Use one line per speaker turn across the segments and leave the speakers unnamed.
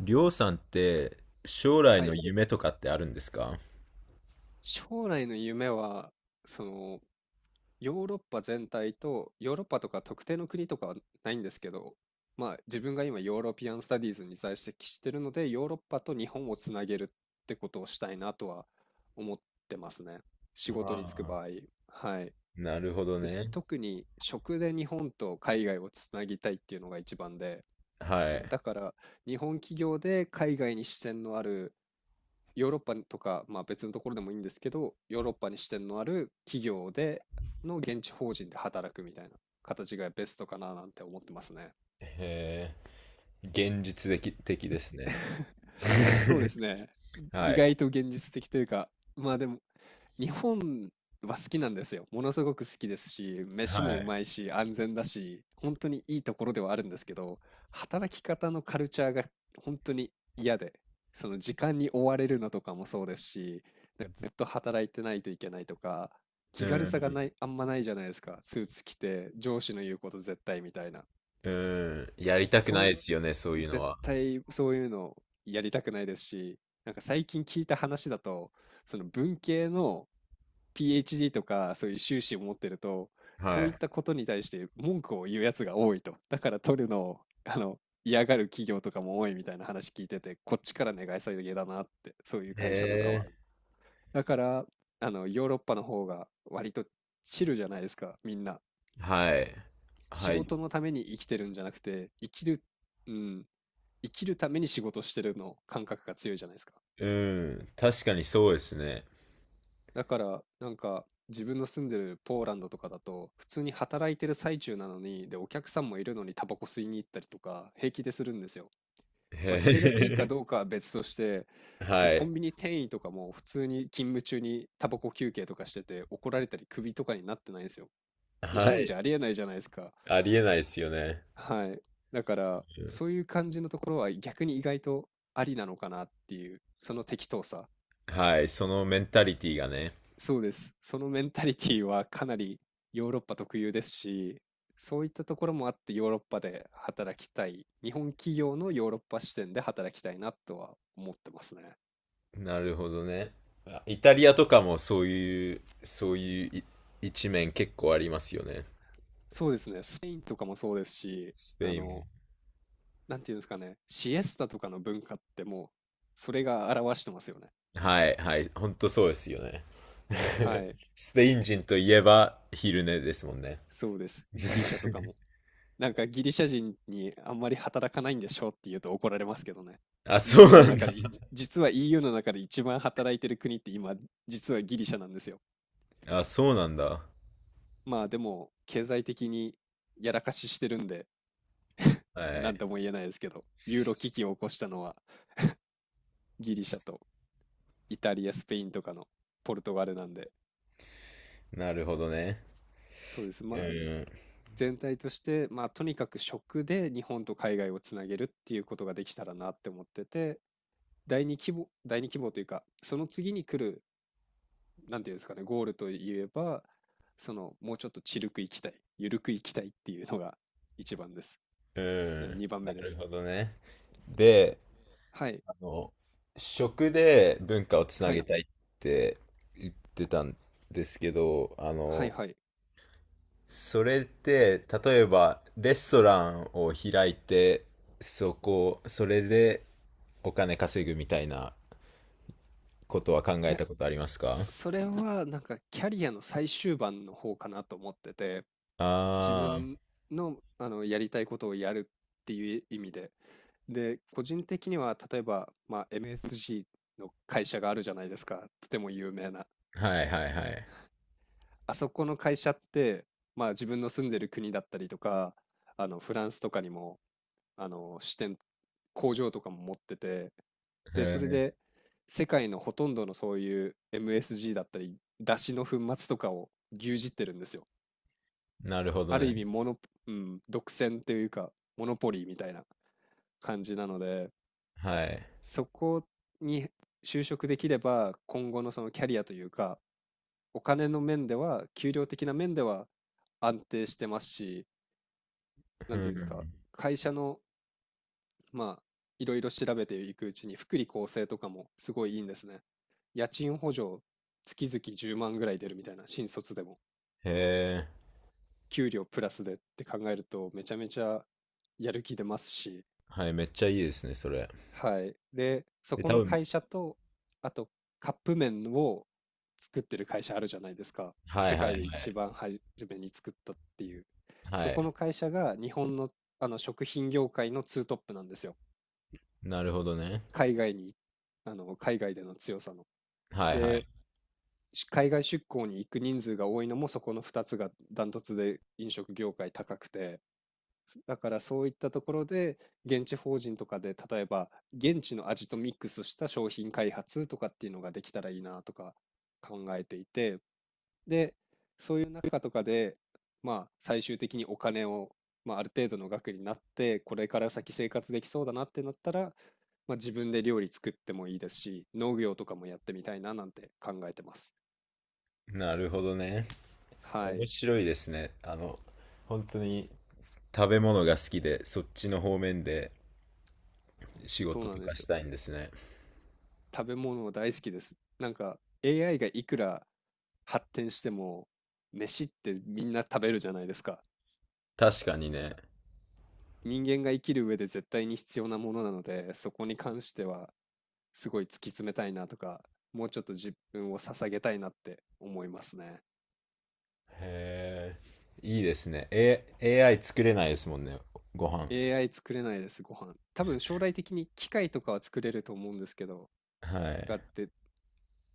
りょうさんって将来
は
の
い。
夢とかってあるんですか？
将来の夢は、その、ヨーロッパ全体と、ヨーロッパとか特定の国とかはないんですけど、まあ自分が今ヨーロピアンスタディーズに在籍してるので、ヨーロッパと日本をつなげるってことをしたいなとは思ってますね。仕事に就く
あ
場
あ、
合。はい。
なるほど
で、
ね。
特に食で日本と海外をつなぎたいっていうのが一番で、
はい。
だから日本企業で海外に支店のあるヨーロッパとか、まあ、別のところでもいいんですけど、ヨーロッパに支店のある企業での現地法人で働くみたいな形がベストかななんて思ってますね。
へえ、現実的ですね。
そうで すね。意
はい。
外と現実的というか、まあでも、日本は好きなんですよ。ものすごく好きですし、飯
は
もう
い。
まいし、安全だし、本当にいいところではあるんですけど、働き方のカルチャーが本当に嫌で、その時間に追われるのとかもそうですし、なんかずっと働いてないといけないとか、
う
気軽さが
ん。
ない、あんまないじゃないですか。スーツ着て、上司の言うこと絶対みたいな。
うん。やりたく
そ
な
う
い
い
で
う、
すよね、そういうの
絶
は。
対そういうのやりたくないですし、なんか最近聞いた話だと、その文系の PhD とかそういう修士を持ってると、
は
そういっ
い。
たことに対して文句を言うやつが多いと。だから取るのを、あの、嫌がる企業とかも多いみたいな話聞いてて、こっちから願い下げだなって、そういう会社とか
へ
は。
え。
だから、ヨーロッパの方が割とチルじゃないですか、みんな。
はい。
仕
はい。
事のために生きてるんじゃなくて、生きる、うん、生きるために仕事してるの感覚が強いじゃないですか。
う確かにそうですね。
だから、なんか、自分の住んでるポーランドとかだと、普通に働いてる最中なのに、で、お客さんもいるのにタバコ吸いに行ったりとか、平気でするんですよ。まあ、それがいいか
へ
どうかは別として、
え。
で、
は
コ
い。
ンビニ店員とかも普通に勤務中にタバコ休憩とかしてて、怒られたり首とかになってないんですよ。日
は
本じゃ
い。
ありえないじゃないですか。
ありえないですよね。
はい。だから、
うん
そういう感じのところは逆に意外とありなのかなっていう、その適当さ。
はい。そのメンタリティがね。
そうです。そのメンタリティはかなりヨーロッパ特有ですし、そういったところもあってヨーロッパで働きたい。日本企業のヨーロッパ視点で働きたいなとは思ってますね。
なるほどね。あ、イタリアとかもそういう一面結構ありますよね。
そうですね。スペインとかもそうですし、
ス
あ
ペインも。
の、なんていうんですかね。シエスタとかの文化ってもう、それが表してますよね。
はい。はい。ほんとそうですよね。
は い。
スペイン人といえば昼寝ですもんね。
そうです。ギリシャとかも。なんかギリシャ人にあんまり働かないんでしょうって言うと怒られますけどね。
あ、そう
EU
な
の
ん
中
だ。
で、実は EU の中で一番働いてる国って今、実はギリシャなんですよ。
あ、そうなんだ。
まあでも、経済的にやらかししてるんで、
は
なん
い。
とも言えないですけど、ユーロ危機を起こしたのはギリシャとイタリア、スペインとかのポルトガルなんで、
なるほどね。
そうです。ま
う
あ
ん。
全体として、まあとにかく食で日本と海外をつなげるっていうことができたらなって思ってて、第二規模というか、その次に来るなんていうんですかね、ゴールといえば、その、もうちょっとちるく行きたい、ゆるく行きたいっていうのが一番です。
うん。
な二番
な
目で
る
す。
ほどね。で、
はい、
あの、食で文化をつな
は
げ
い、
たいって言ってたんですけど、
はい、はい。
それって、例えば、レストランを開いて、それでお金稼ぐみたいなことは考
い
え
や、
たことありますか？
それはなんかキャリアの最終盤の方かなと思ってて、自
あ
分の、やりたいことをやるっていう意味で。で、個人的には、例えば、まあ、MSG の会社があるじゃないですか。とても有名な。
あー、はいはいはい。
あそこの会社って、まあ、自分の住んでる国だったりとか、フランスとかにも支店、工場とかも持ってて、
へ
で、それ
ー、
で世界のほとんどのそういう MSG だったり、出汁の粉末とかを牛耳ってるんですよ。
なるほど
ある意
ね。
味モノ、うん、独占というか、モノポリーみたいな感じなので、
はい。
そこに就職できれば、今後のそのキャリアというか、お金の面では、給料的な面では安定してますし、な
う
んていうんですか、
ん。
会社の、まあ、いろいろ調べていくうちに、福利厚生とかもすごいいいんですね。家賃補助、月々10万ぐらい出るみたいな、新卒でも。
へ
給料プラスでって考えると、めちゃめちゃやる気出ますし、
はい、めっちゃいいですね、それ。
はい。で、そ
で、
こ
多
の
分、
会社と、あと、カップ麺を作ってる会社あるじゃないですか。
はいは
世
いは
界
い。
で一番初めに作ったっていう。
は
そこ
い。
の会社が日本の、あの食品業界のツートップなんですよ。
なるほどね。
海外に、あの、海外での強さの。
はいはい。
で、海外出向に行く人数が多いのもそこの2つがダントツで飲食業界高くて、だからそういったところで現地法人とかで例えば現地の味とミックスした商品開発とかっていうのができたらいいなとか考えていて、で、かとかで、まあ、最終的にお金を、まあ、ある程度の額になって、これから先生活できそうだなってなったら、まあ、自分で料理作ってもいいですし、農業とかもやってみたいななんて考えてます。
なるほどね。
はい、
面白いですね。あの、本当に食べ物が好きで、そっちの方面で仕
そう
事
な
と
んで
か
す
し
よ。
たいんですね。
食べ物大好きです。なんか AI がいくら発展しても、飯ってみんな食べるじゃないですか。
確かにね。
人間が生きる上で絶対に必要なものなので、そこに関してはすごい突き詰めたいなとか、もうちょっと自分を捧げたいなって思いますね。
へえ、いいですね。AI 作れないですもんね、ご飯。
AI 作れないです、ご飯。多分将来的に機械とかは作れると思うんですけど、
はい。
があって、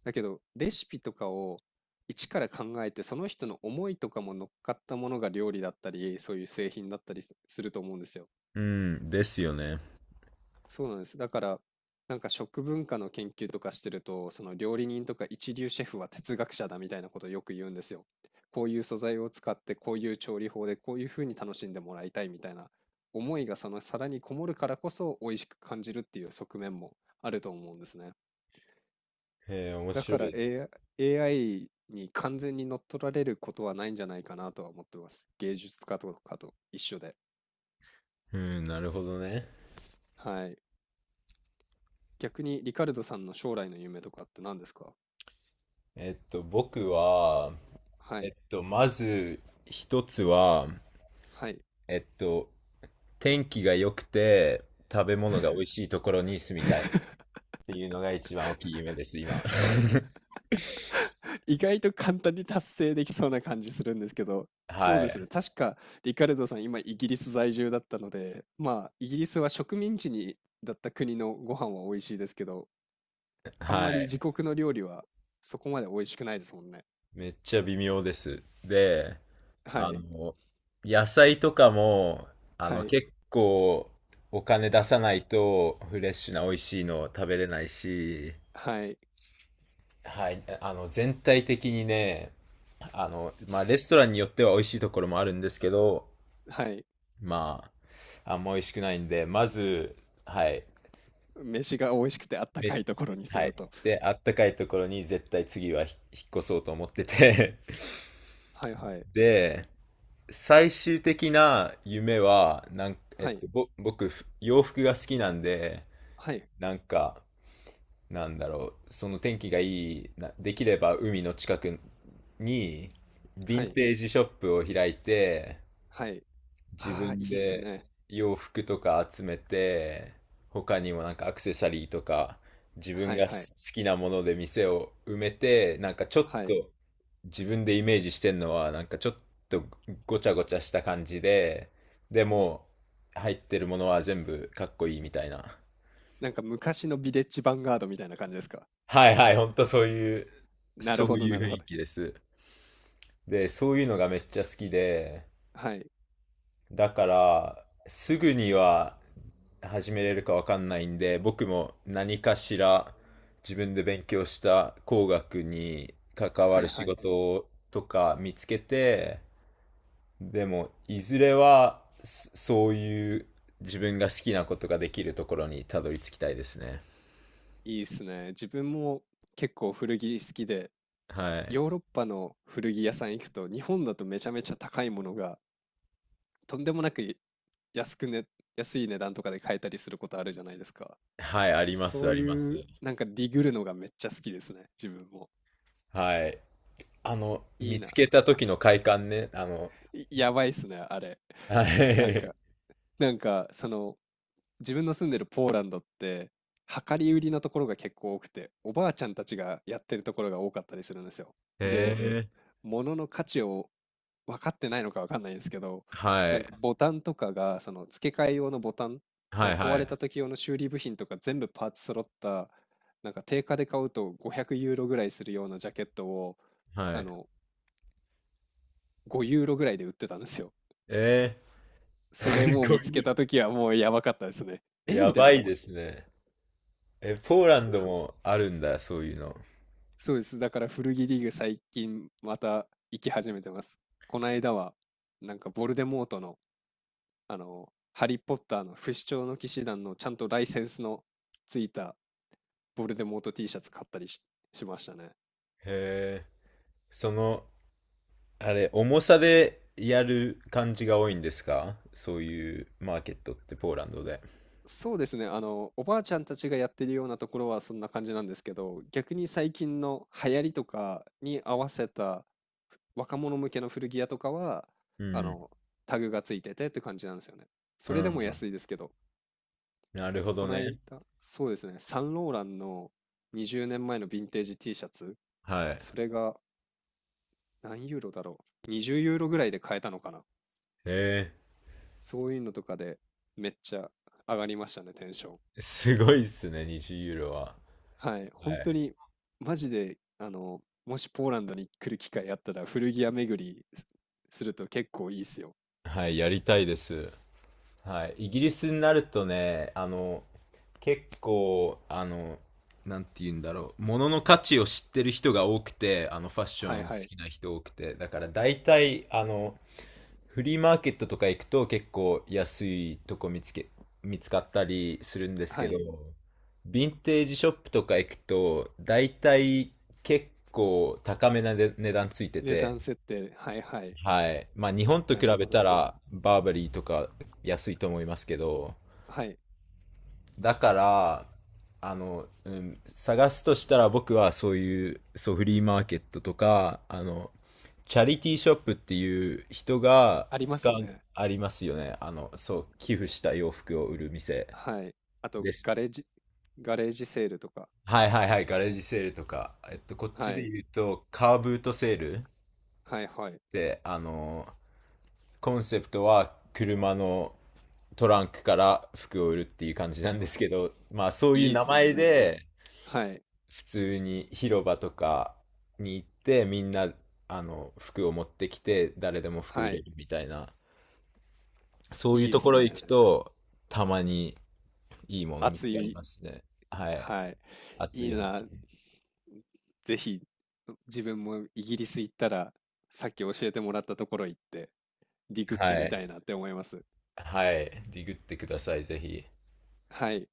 だけどレシピとかを一から考えて、その人の思いとかも乗っかったものが料理だったり、そういう製品だったりすると思うんですよ。
うん、ですよね。
そうなんです。だから、なんか食文化の研究とかしてると、その料理人とか一流シェフは哲学者だみたいなことをよく言うんですよ。こういう素材を使って、こういう調理法で、こういうふうに楽しんでもらいたいみたいな思いがその皿にこもるからこそ美味しく感じるっていう側面もあると思うんですね。
へえ、面
だ
白
から
い。
AI に完全に乗っ取られることはないんじゃないかなとは思ってます。芸術家とかと一緒で。
うん、なるほどね。
はい。逆にリカルドさんの将来の夢とかって何ですか？
えっと、僕は、
は
え
い。
っと、まず一つは、
はい。
えっと、天気が良くて食べ物が美味しいところに住みたいっていうのが一番大きい夢です、今。
意外と簡単に達成できそうな感じするんですけど、そう
は
ですね。
い。
確か、リカルドさん、今、イギリス在住だったので、まあ、イギリスは植民地にだった国のご飯は美味しいですけど、あん
は
まり自
い。
国の料理はそこまで美味しくないですもんね。
めっちゃ微妙です。で、
は
あ
い、
の、野菜とかも、あ
は
の、
い、
結構お金出さないとフレッシュな美味しいのを食べれないし、
はい、
はい、あの、全体的にね、あの、まあ、レストランによっては美味しいところもあるんですけど、
はい。
まあ、あんま美味しくないんで、まず、はい、
飯が美味しくてあったかい
飯、
ところに住
はい。
むと。
で、あったかいところに絶対次は引っ越そうと思ってて、
はいはい、
で、最終的な夢は、えっ
はい、
と、僕、洋服が好きなんで、
はい、
なんか、なんだろう、その天気がいいな、できれば海の近くに、ヴィ
は
ン
い、
テージショップを開いて、
はい。
自
ああ、い
分
いっす
で
ね。
洋服とか集めて、他にもなんかアクセサリーとか、自分
はい
が好
はい、
きなもので店を埋めて、なんかちょっ
はい。
と自分でイメージしてんのは、なんかちょっとごちゃごちゃした感じで、でも入ってるものは全部かっこいいみたいな。
なんか昔のビレッジヴァンガードみたいな感じですか？
はいはい、ほんとそういう、
な
そ
るほ
う
ど、
いう
なる
雰
ほ
囲
ど。
気です。で、そういうのがめっちゃ好きで、
はい、
だから、すぐには始めれるかわかんないんで、僕も何かしら自分で勉強した工学に関わ
は
る
い
仕
はい。
事とか見つけて、でも、いずれはそういう自分が好きなことができるところにたどり着きたいですね。
いいっすね。自分も結構古着好きで、
はい。
ヨーロッパの古着屋さん行くと、日本だとめちゃめちゃ高いものが、とんでもなく安くね、安い値段とかで買えたりすることあるじゃないですか。
はい、あります、
そ
あ
う
ります。
いう、なんかディグるのがめっちゃ好きですね、自分も。
はい。あの、
いい
見
な。
つけた時の快感ね。あの、
いやばいっすね、あれ。
はい。
なん
へ
か、なんか、自分の住んでるポーランドって、量り売りのところが結構多くて、おばあちゃんたちがやってるところが多かったりするんですよ。で、
え。
物の価値を分かってないのか分かんないですけど、
は
なん
い。
かボタンとかが、その付け替え用のボタン、そ
は
の
いは
壊れ
い。
た時用の修理部品とか全部パーツ揃った、なんか定価で買うと500ユーロぐらいするようなジャケットを、
は
あ
い。
の、5ユーロぐらいで売ってたんですよ。
ええ。
それ
す
もう
ご
見つけ
い
た時はもうやばかったですね。え
や
みたい
ば
な。
いですね。え、ポーラン
そ
ドもあるんだ、そういうの。
そうです。だから古着リーグ最近また行き始めてます。この間は、なんかボルデモートのハリー・ポッターの不死鳥の騎士団のちゃんとライセンスのついたボルデモート T シャツ買ったりしましたね。
へえ。その、あれ、重さでやる感じが多いんですか、そういうマーケットってポーランドで。
そうですね。おばあちゃんたちがやってるようなところはそんな感じなんですけど、逆に最近の流行りとかに合わせた若者向けの古着屋とかは、
う
あ
ん。
の、タグがついててって感じなんですよね。そ
う
れでも
ん。
安いですけど、
なるほど
この
ね。
間、そうですね、サンローランの20年前のヴィンテージ T シャツ、
はい。
それが何ユーロだろう。20ユーロぐらいで買えたのかな。
へ
そういうのとかでめっちゃ上がりましたね、テンション。
え。すごいっすね、20ユーロは。
はい。
は
本当
い。
に、マジで、もしポーランドに来る機会あったら古着屋巡りすると結構いいっすよ。
はい、やりたいです。はい、イギリスになるとね、あの、結構、あの、なんて言うんだろう、物の価値を知ってる人が多くて、あの、ファッショ
は
ン
いはい。
好きな人多くて、だから大体、あの、フリーマーケットとか行くと結構安いとこ見つかったりするんです
は
けど、
い。
ヴィンテージショップとか行くと、大体結構高めな値段ついて
値
て、
段設定。はいはい。
はい。まあ日本と
な
比
る
べ
ほど
た
な。
らバーバリーとか安いと思いますけど、
はい。
だから、あの、うん、探すとしたら僕はそういう、そう、フリーマーケットとか、あの、チャリティーショップっていう人が
ありま
使
す
う、
ね。
ありますよね。あの、そう、寄付した洋服を売る店
はい。あと、
です。
ガレージセールとか。
はいはいはい、ガレージセールとか、えっと、こっち
は
で
い。
言うと、カーブートセールっ
はいはい。
て、あの、コンセプトは車のトランクから服を売るっていう感じなんですけ
は
ど、まあそう
い。
いう
いいっ
名
すね、
前
なんか。
で、
はい。
普通に広場とかに行ってみんなあの服を持ってきて誰でも服売
は
れ
い。
るみたいな、そういう
いいっ
と
す
ころ行
ね。
くとたまにいいもの見
熱
つかり
い。
ますね。はい、
はい。
熱
いい
い発
な。
見。
ぜひ、自分もイギリス行ったら、さっき教えてもらったところ行って、ディグっ
は
てみ
い、
たいなって思います。
はい、ディグってくださいぜひ。
はい。